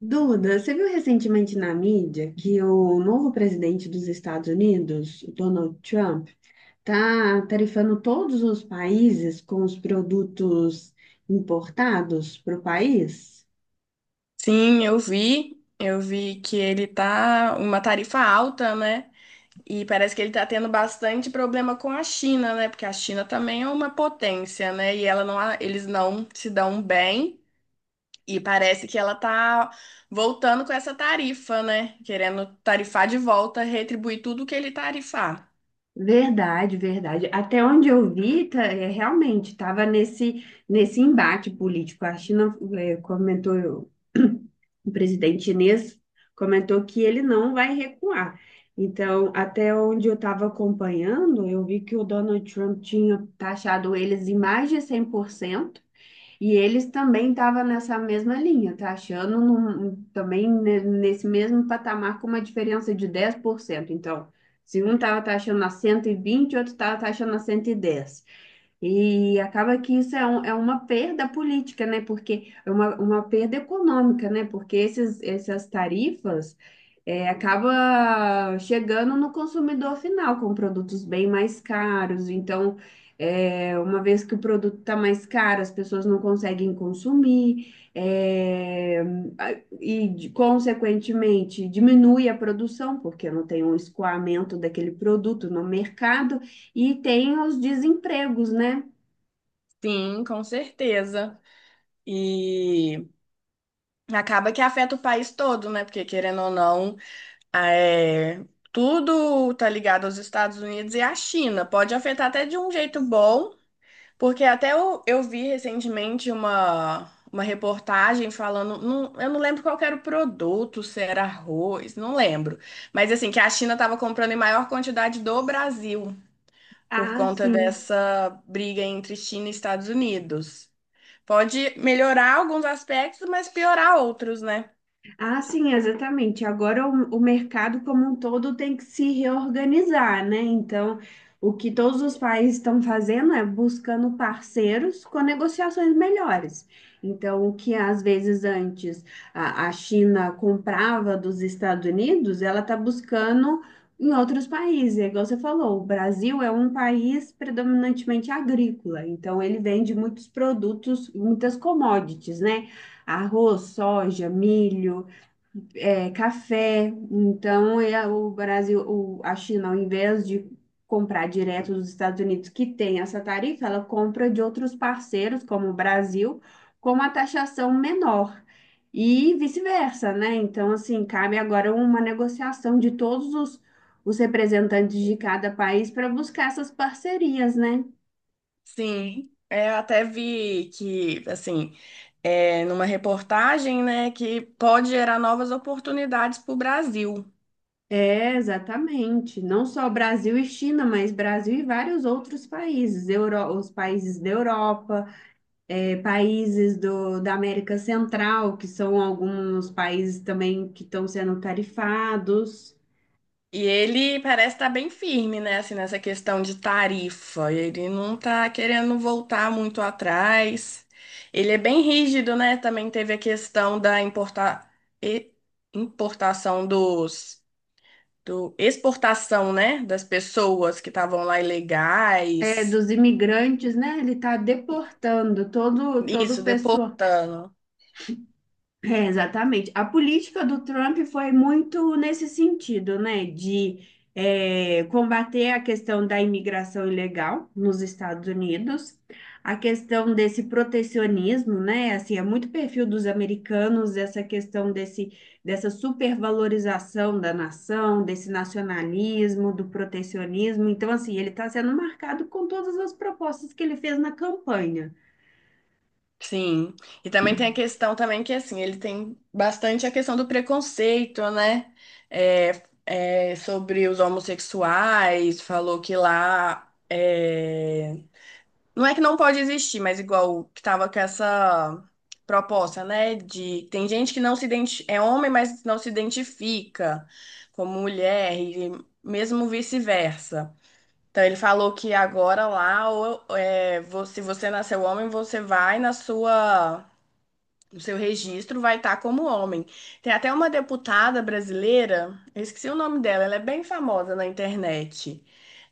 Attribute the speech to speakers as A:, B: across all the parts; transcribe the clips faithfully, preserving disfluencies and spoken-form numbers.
A: Duda, você viu recentemente na mídia que o novo presidente dos Estados Unidos, o Donald Trump, está tarifando todos os países com os produtos importados para o país?
B: Sim, eu vi. Eu vi que ele tá uma tarifa alta, né? E parece que ele tá tendo bastante problema com a China, né? Porque a China também é uma potência, né? E ela não, eles não se dão bem. E parece que ela tá voltando com essa tarifa, né? Querendo tarifar de volta, retribuir tudo que ele tarifar.
A: Verdade, verdade. Até onde eu vi, tá, é, realmente estava nesse, nesse embate político. A China é, comentou, o presidente chinês comentou que ele não vai recuar. Então, até onde eu estava acompanhando, eu vi que o Donald Trump tinha taxado eles em mais de cem por cento. E eles também estavam nessa mesma linha, tá achando num- também ne- nesse mesmo patamar com uma diferença de dez por cento. Então, se um estava taxando a cento e vinte, o outro estava taxando a cento e dez. E acaba que isso é, um- é uma perda política, né? Porque é uma, uma perda econômica, né? Porque esses, essas tarifas é, acaba chegando no consumidor final com produtos bem mais caros. Então, é, uma vez que o produto está mais caro, as pessoas não conseguem consumir, é, a- e, de- consequentemente, diminui a produção, porque não tem um escoamento daquele produto no mercado. E tem os desempregos, né?
B: Sim, com certeza. E acaba que afeta o país todo, né? Porque querendo ou não. Ah, é, tudo tá ligado aos Estados Unidos e à China. Pode afetar até de um jeito bom, porque até eu, eu vi recentemente uma, uma reportagem falando, não- eu não lembro qual que era o produto, se era arroz, não lembro. Mas assim, que a China estava comprando em maior quantidade do Brasil por
A: Ah,
B: conta
A: sim.
B: dessa briga entre China e Estados Unidos. Pode melhorar alguns aspectos, mas piorar outros, né?
A: Ah, sim, exatamente. Agora o, o mercado como um todo tem que se reorganizar, né? Então, o que todos os países estão fazendo é buscando parceiros com negociações melhores. Então, o que às vezes antes a, a China comprava dos Estados Unidos, ela está buscando em outros países. É igual você falou, o Brasil é um país predominantemente agrícola, então ele vende muitos produtos, muitas commodities, né? Arroz, soja, milho é, café. Então, é, o Brasil, o- a China, ao invés de comprar direto dos Estados Unidos, que tem essa tarifa, ela compra de outros parceiros, como o Brasil, com uma taxação menor. E vice-versa, né? Então, assim, cabe agora uma negociação de todos os, os representantes de cada país para buscar essas parcerias, né?
B: Sim, é, eu até vi que, assim. É, numa reportagem, né, que pode gerar novas oportunidades para o Brasil.
A: É, exatamente. Não só Brasil e China, mas Brasil e vários outros países, Euro- os países da Europa. é, países do, da América Central, que são alguns países também que estão sendo tarifados.
B: E ele parece estar bem firme, né, assim, nessa questão de tarifa. Ele não está querendo voltar muito atrás. Ele é bem rígido, né? Também teve a questão da importa... e- importação dos... do exportação, né, das pessoas que estavam lá
A: é,
B: ilegais.
A: dos imigrantes, né? Ele está deportando todo, todo o
B: Isso,
A: pessoal.
B: deportando.
A: É, exatamente. A política do Trump foi muito nesse sentido, né? De é, combater a questão da imigração ilegal nos Estados Unidos, a questão desse protecionismo, né? Assim, é muito perfil dos americanos essa questão desse, dessa supervalorização da nação, desse nacionalismo, do protecionismo. Então, assim, ele está sendo marcado com todas as propostas que ele fez na campanha.
B: Sim, e também tem a questão também que assim, ele tem bastante a questão do preconceito, né? É, é, sobre os homossexuais, falou que lá é, não é que não pode existir, mas igual que tava com essa proposta, né? De tem gente que não se identi... é homem, mas não se identifica como mulher, e mesmo vice-versa. Então ele falou que agora lá, ou, é, vo- se você nasceu homem, você vai na sua o seu registro vai estar como homem. Tem até uma deputada brasileira, eu esqueci o nome dela, ela é bem famosa na internet.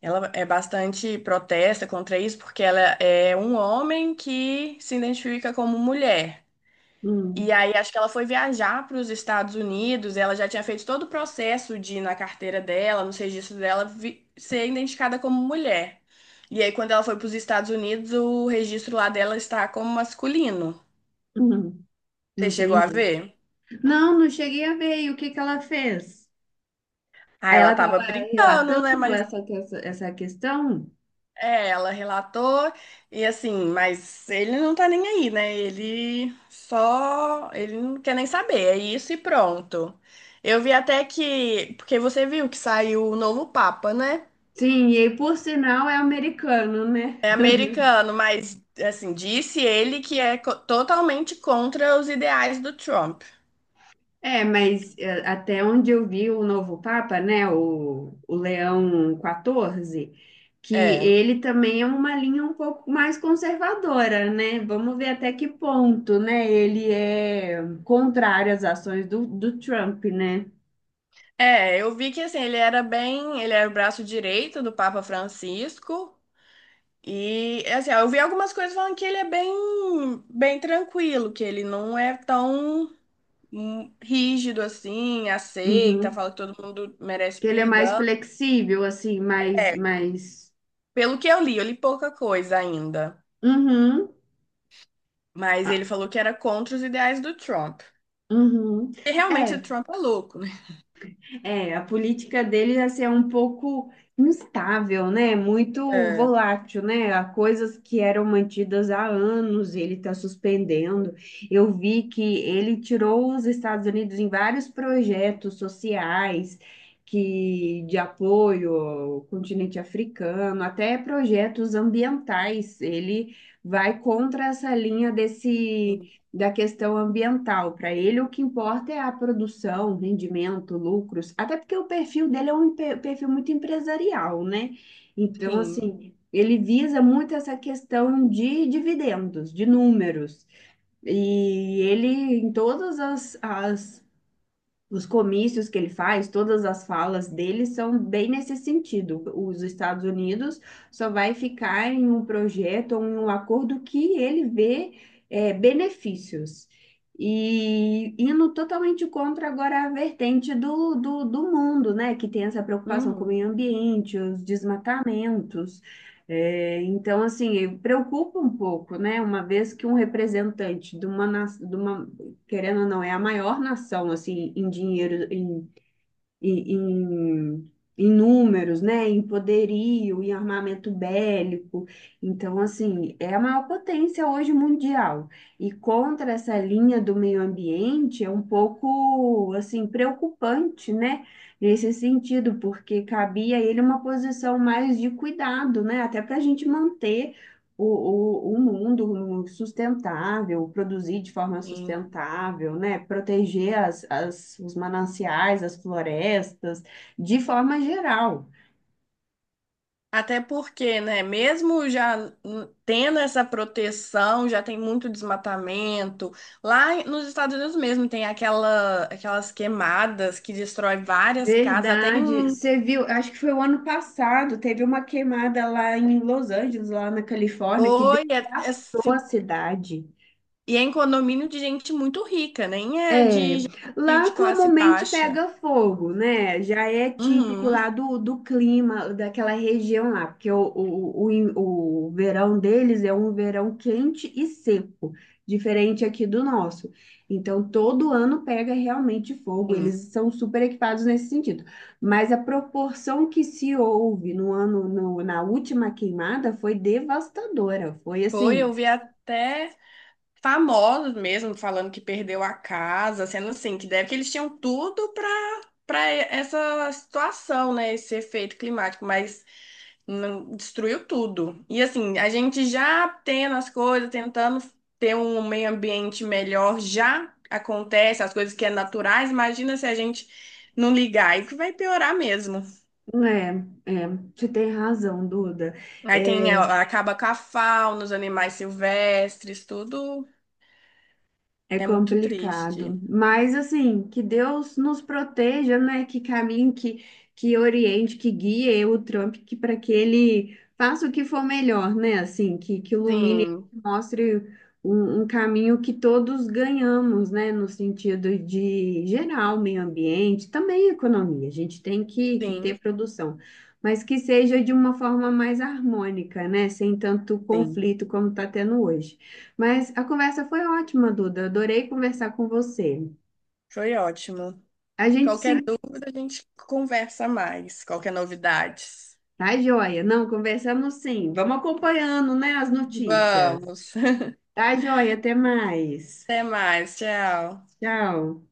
B: Ela é bastante protesta contra isso, porque ela é um homem que se identifica como mulher. E
A: Hum,
B: aí acho que ela foi viajar para os Estados Unidos, ela já tinha feito todo o processo de na carteira dela, nos registros dela, vi- ser identificada como mulher. E aí quando ela foi para os Estados Unidos, o registro lá dela está como masculino.
A: hum,
B: Você chegou a
A: entendi.
B: ver?
A: Não, não cheguei a ver. E o que que ela fez?
B: Ah,
A: Aí ela
B: ela tava
A: estava
B: brincando, né?
A: relatando
B: Mas
A: essa, que- essa questão.
B: é, ela relatou e assim, mas ele não tá nem aí, né? Ele só, ele não quer nem saber, é isso e pronto. Eu vi até que, porque você viu que saiu o novo Papa, né?
A: Sim, e aí, por sinal é americano, né?
B: É americano, mas assim, disse ele que é co- totalmente contra os ideais do Trump.
A: É, mas é, até onde eu vi o novo Papa, né, o, o Leão quatorze, que
B: É.
A: ele também é uma linha um pouco mais conservadora, né? Vamos ver até que ponto, né, ele é contrário às ações do, do Trump, né?
B: É, eu vi que assim, ele era bem, ele era o braço direito do Papa Francisco. E assim, eu vi algumas coisas falando que ele é bem, bem tranquilo, que ele não é tão hum, rígido assim, aceita,
A: Uhum.
B: fala que todo mundo merece
A: Que ele é mais
B: perdão.
A: flexível, assim, mais,
B: É,
A: mais...
B: pelo que eu li, eu li pouca coisa ainda,
A: Uhum.
B: mas
A: Ah,
B: ele falou que era contra os ideais do Trump.
A: uhum.
B: E realmente o
A: É,
B: Trump é louco, né?
A: é, a política deles assim, é um pouco instável, né? Muito
B: É,
A: volátil, né? Há coisas que eram mantidas há anos, ele está suspendendo. Eu vi que ele tirou os Estados Unidos em vários projetos sociais que de apoio ao continente africano, até projetos ambientais. Ele vai contra essa linha desse
B: sim.
A: da questão ambiental. Para ele, o que importa é a produção, rendimento, lucros, até porque o perfil dele é um pe- perfil muito empresarial, né? Então,
B: Sim.
A: assim, ele visa muito essa questão de dividendos, de números. E ele, em todas as, as os comícios que ele faz, todas as falas dele são bem nesse sentido. Os Estados Unidos só vai ficar em um projeto ou em um acordo que ele vê eh, benefícios. E indo totalmente contra agora a vertente do, do, do mundo, né? Que tem essa preocupação com o
B: Uhum.
A: meio ambiente, os desmatamentos. Eh, então, assim, preocupa um pouco, né? Uma vez que um representante de uma, na- de uma querendo ou não, é a maior nação, assim, em dinheiro, em, em, em, em números, né? Em poderio, em armamento bélico. Então, assim, é a maior potência hoje mundial. E contra essa linha do meio ambiente é um pouco, assim, preocupante, né? Nesse sentido, porque cabia a ele uma posição mais de cuidado, né? Até para a gente manter o, o, o mundo sustentável, produzir de forma
B: Sim.
A: sustentável, né? Proteger as, as, os mananciais, as florestas, de forma geral.
B: Até porque, né, mesmo já n- tendo essa proteção, já tem muito desmatamento. Lá em- nos Estados Unidos mesmo tem aquela, aquelas queimadas que destrói várias casas, até
A: Verdade.
B: em...
A: Você viu, acho que foi o ano passado, teve uma queimada lá em Los Angeles, lá na Califórnia, que
B: Oi, é- é assim,
A: devastou a cidade.
B: e é em condomínio de gente muito rica, nem é
A: É,
B: de gente
A: lá
B: de classe
A: comumente
B: baixa.
A: pega fogo, né? Já é típico
B: Uhum,
A: lá do, do clima daquela região lá, porque o, o, o, in- o verão deles é um verão quente e seco, diferente aqui do nosso. Então, todo ano pega realmente fogo,
B: sim.
A: eles são super equipados nesse sentido. Mas a proporção que se houve no ano, no- na última queimada foi devastadora, foi
B: Foi,
A: assim,
B: eu vi até famosos mesmo, falando que perdeu a casa, sendo assim, que deve que eles tinham tudo para para essa situação, né, esse efeito climático, mas não- destruiu tudo. E assim, a gente já tendo as coisas, tentando ter um meio ambiente melhor, já acontece as coisas que é naturais, imagina se a gente não ligar, aí que vai piorar mesmo.
A: é, é, você tem razão, Duda.
B: Aí tem,
A: É,
B: a- acaba com a fauna, os animais silvestres, tudo
A: É
B: é muito triste.
A: complicado, mas assim, que Deus nos proteja, né? Que caminhe, que, que oriente, que guie o Trump, que para que ele faça o que for melhor, né? Assim, que, que ilumine,
B: Sim,
A: que mostre um, um caminho que todos ganhamos, né? No sentido de geral, meio ambiente, também economia. A gente tem que, que
B: sim.
A: ter produção, mas que seja de uma forma mais harmônica, né? Sem tanto
B: Sim,
A: conflito como está tendo hoje. Mas a conversa foi ótima, Duda. Adorei conversar com você.
B: foi ótimo.
A: A gente
B: Qualquer
A: se.
B: dúvida, a gente conversa mais. Qualquer novidades.
A: Tá, joia? Não, conversamos sim. Vamos acompanhando, né, as notícias.
B: Vamos.
A: Tá, joia? Até mais.
B: Até mais. Tchau.
A: Tchau.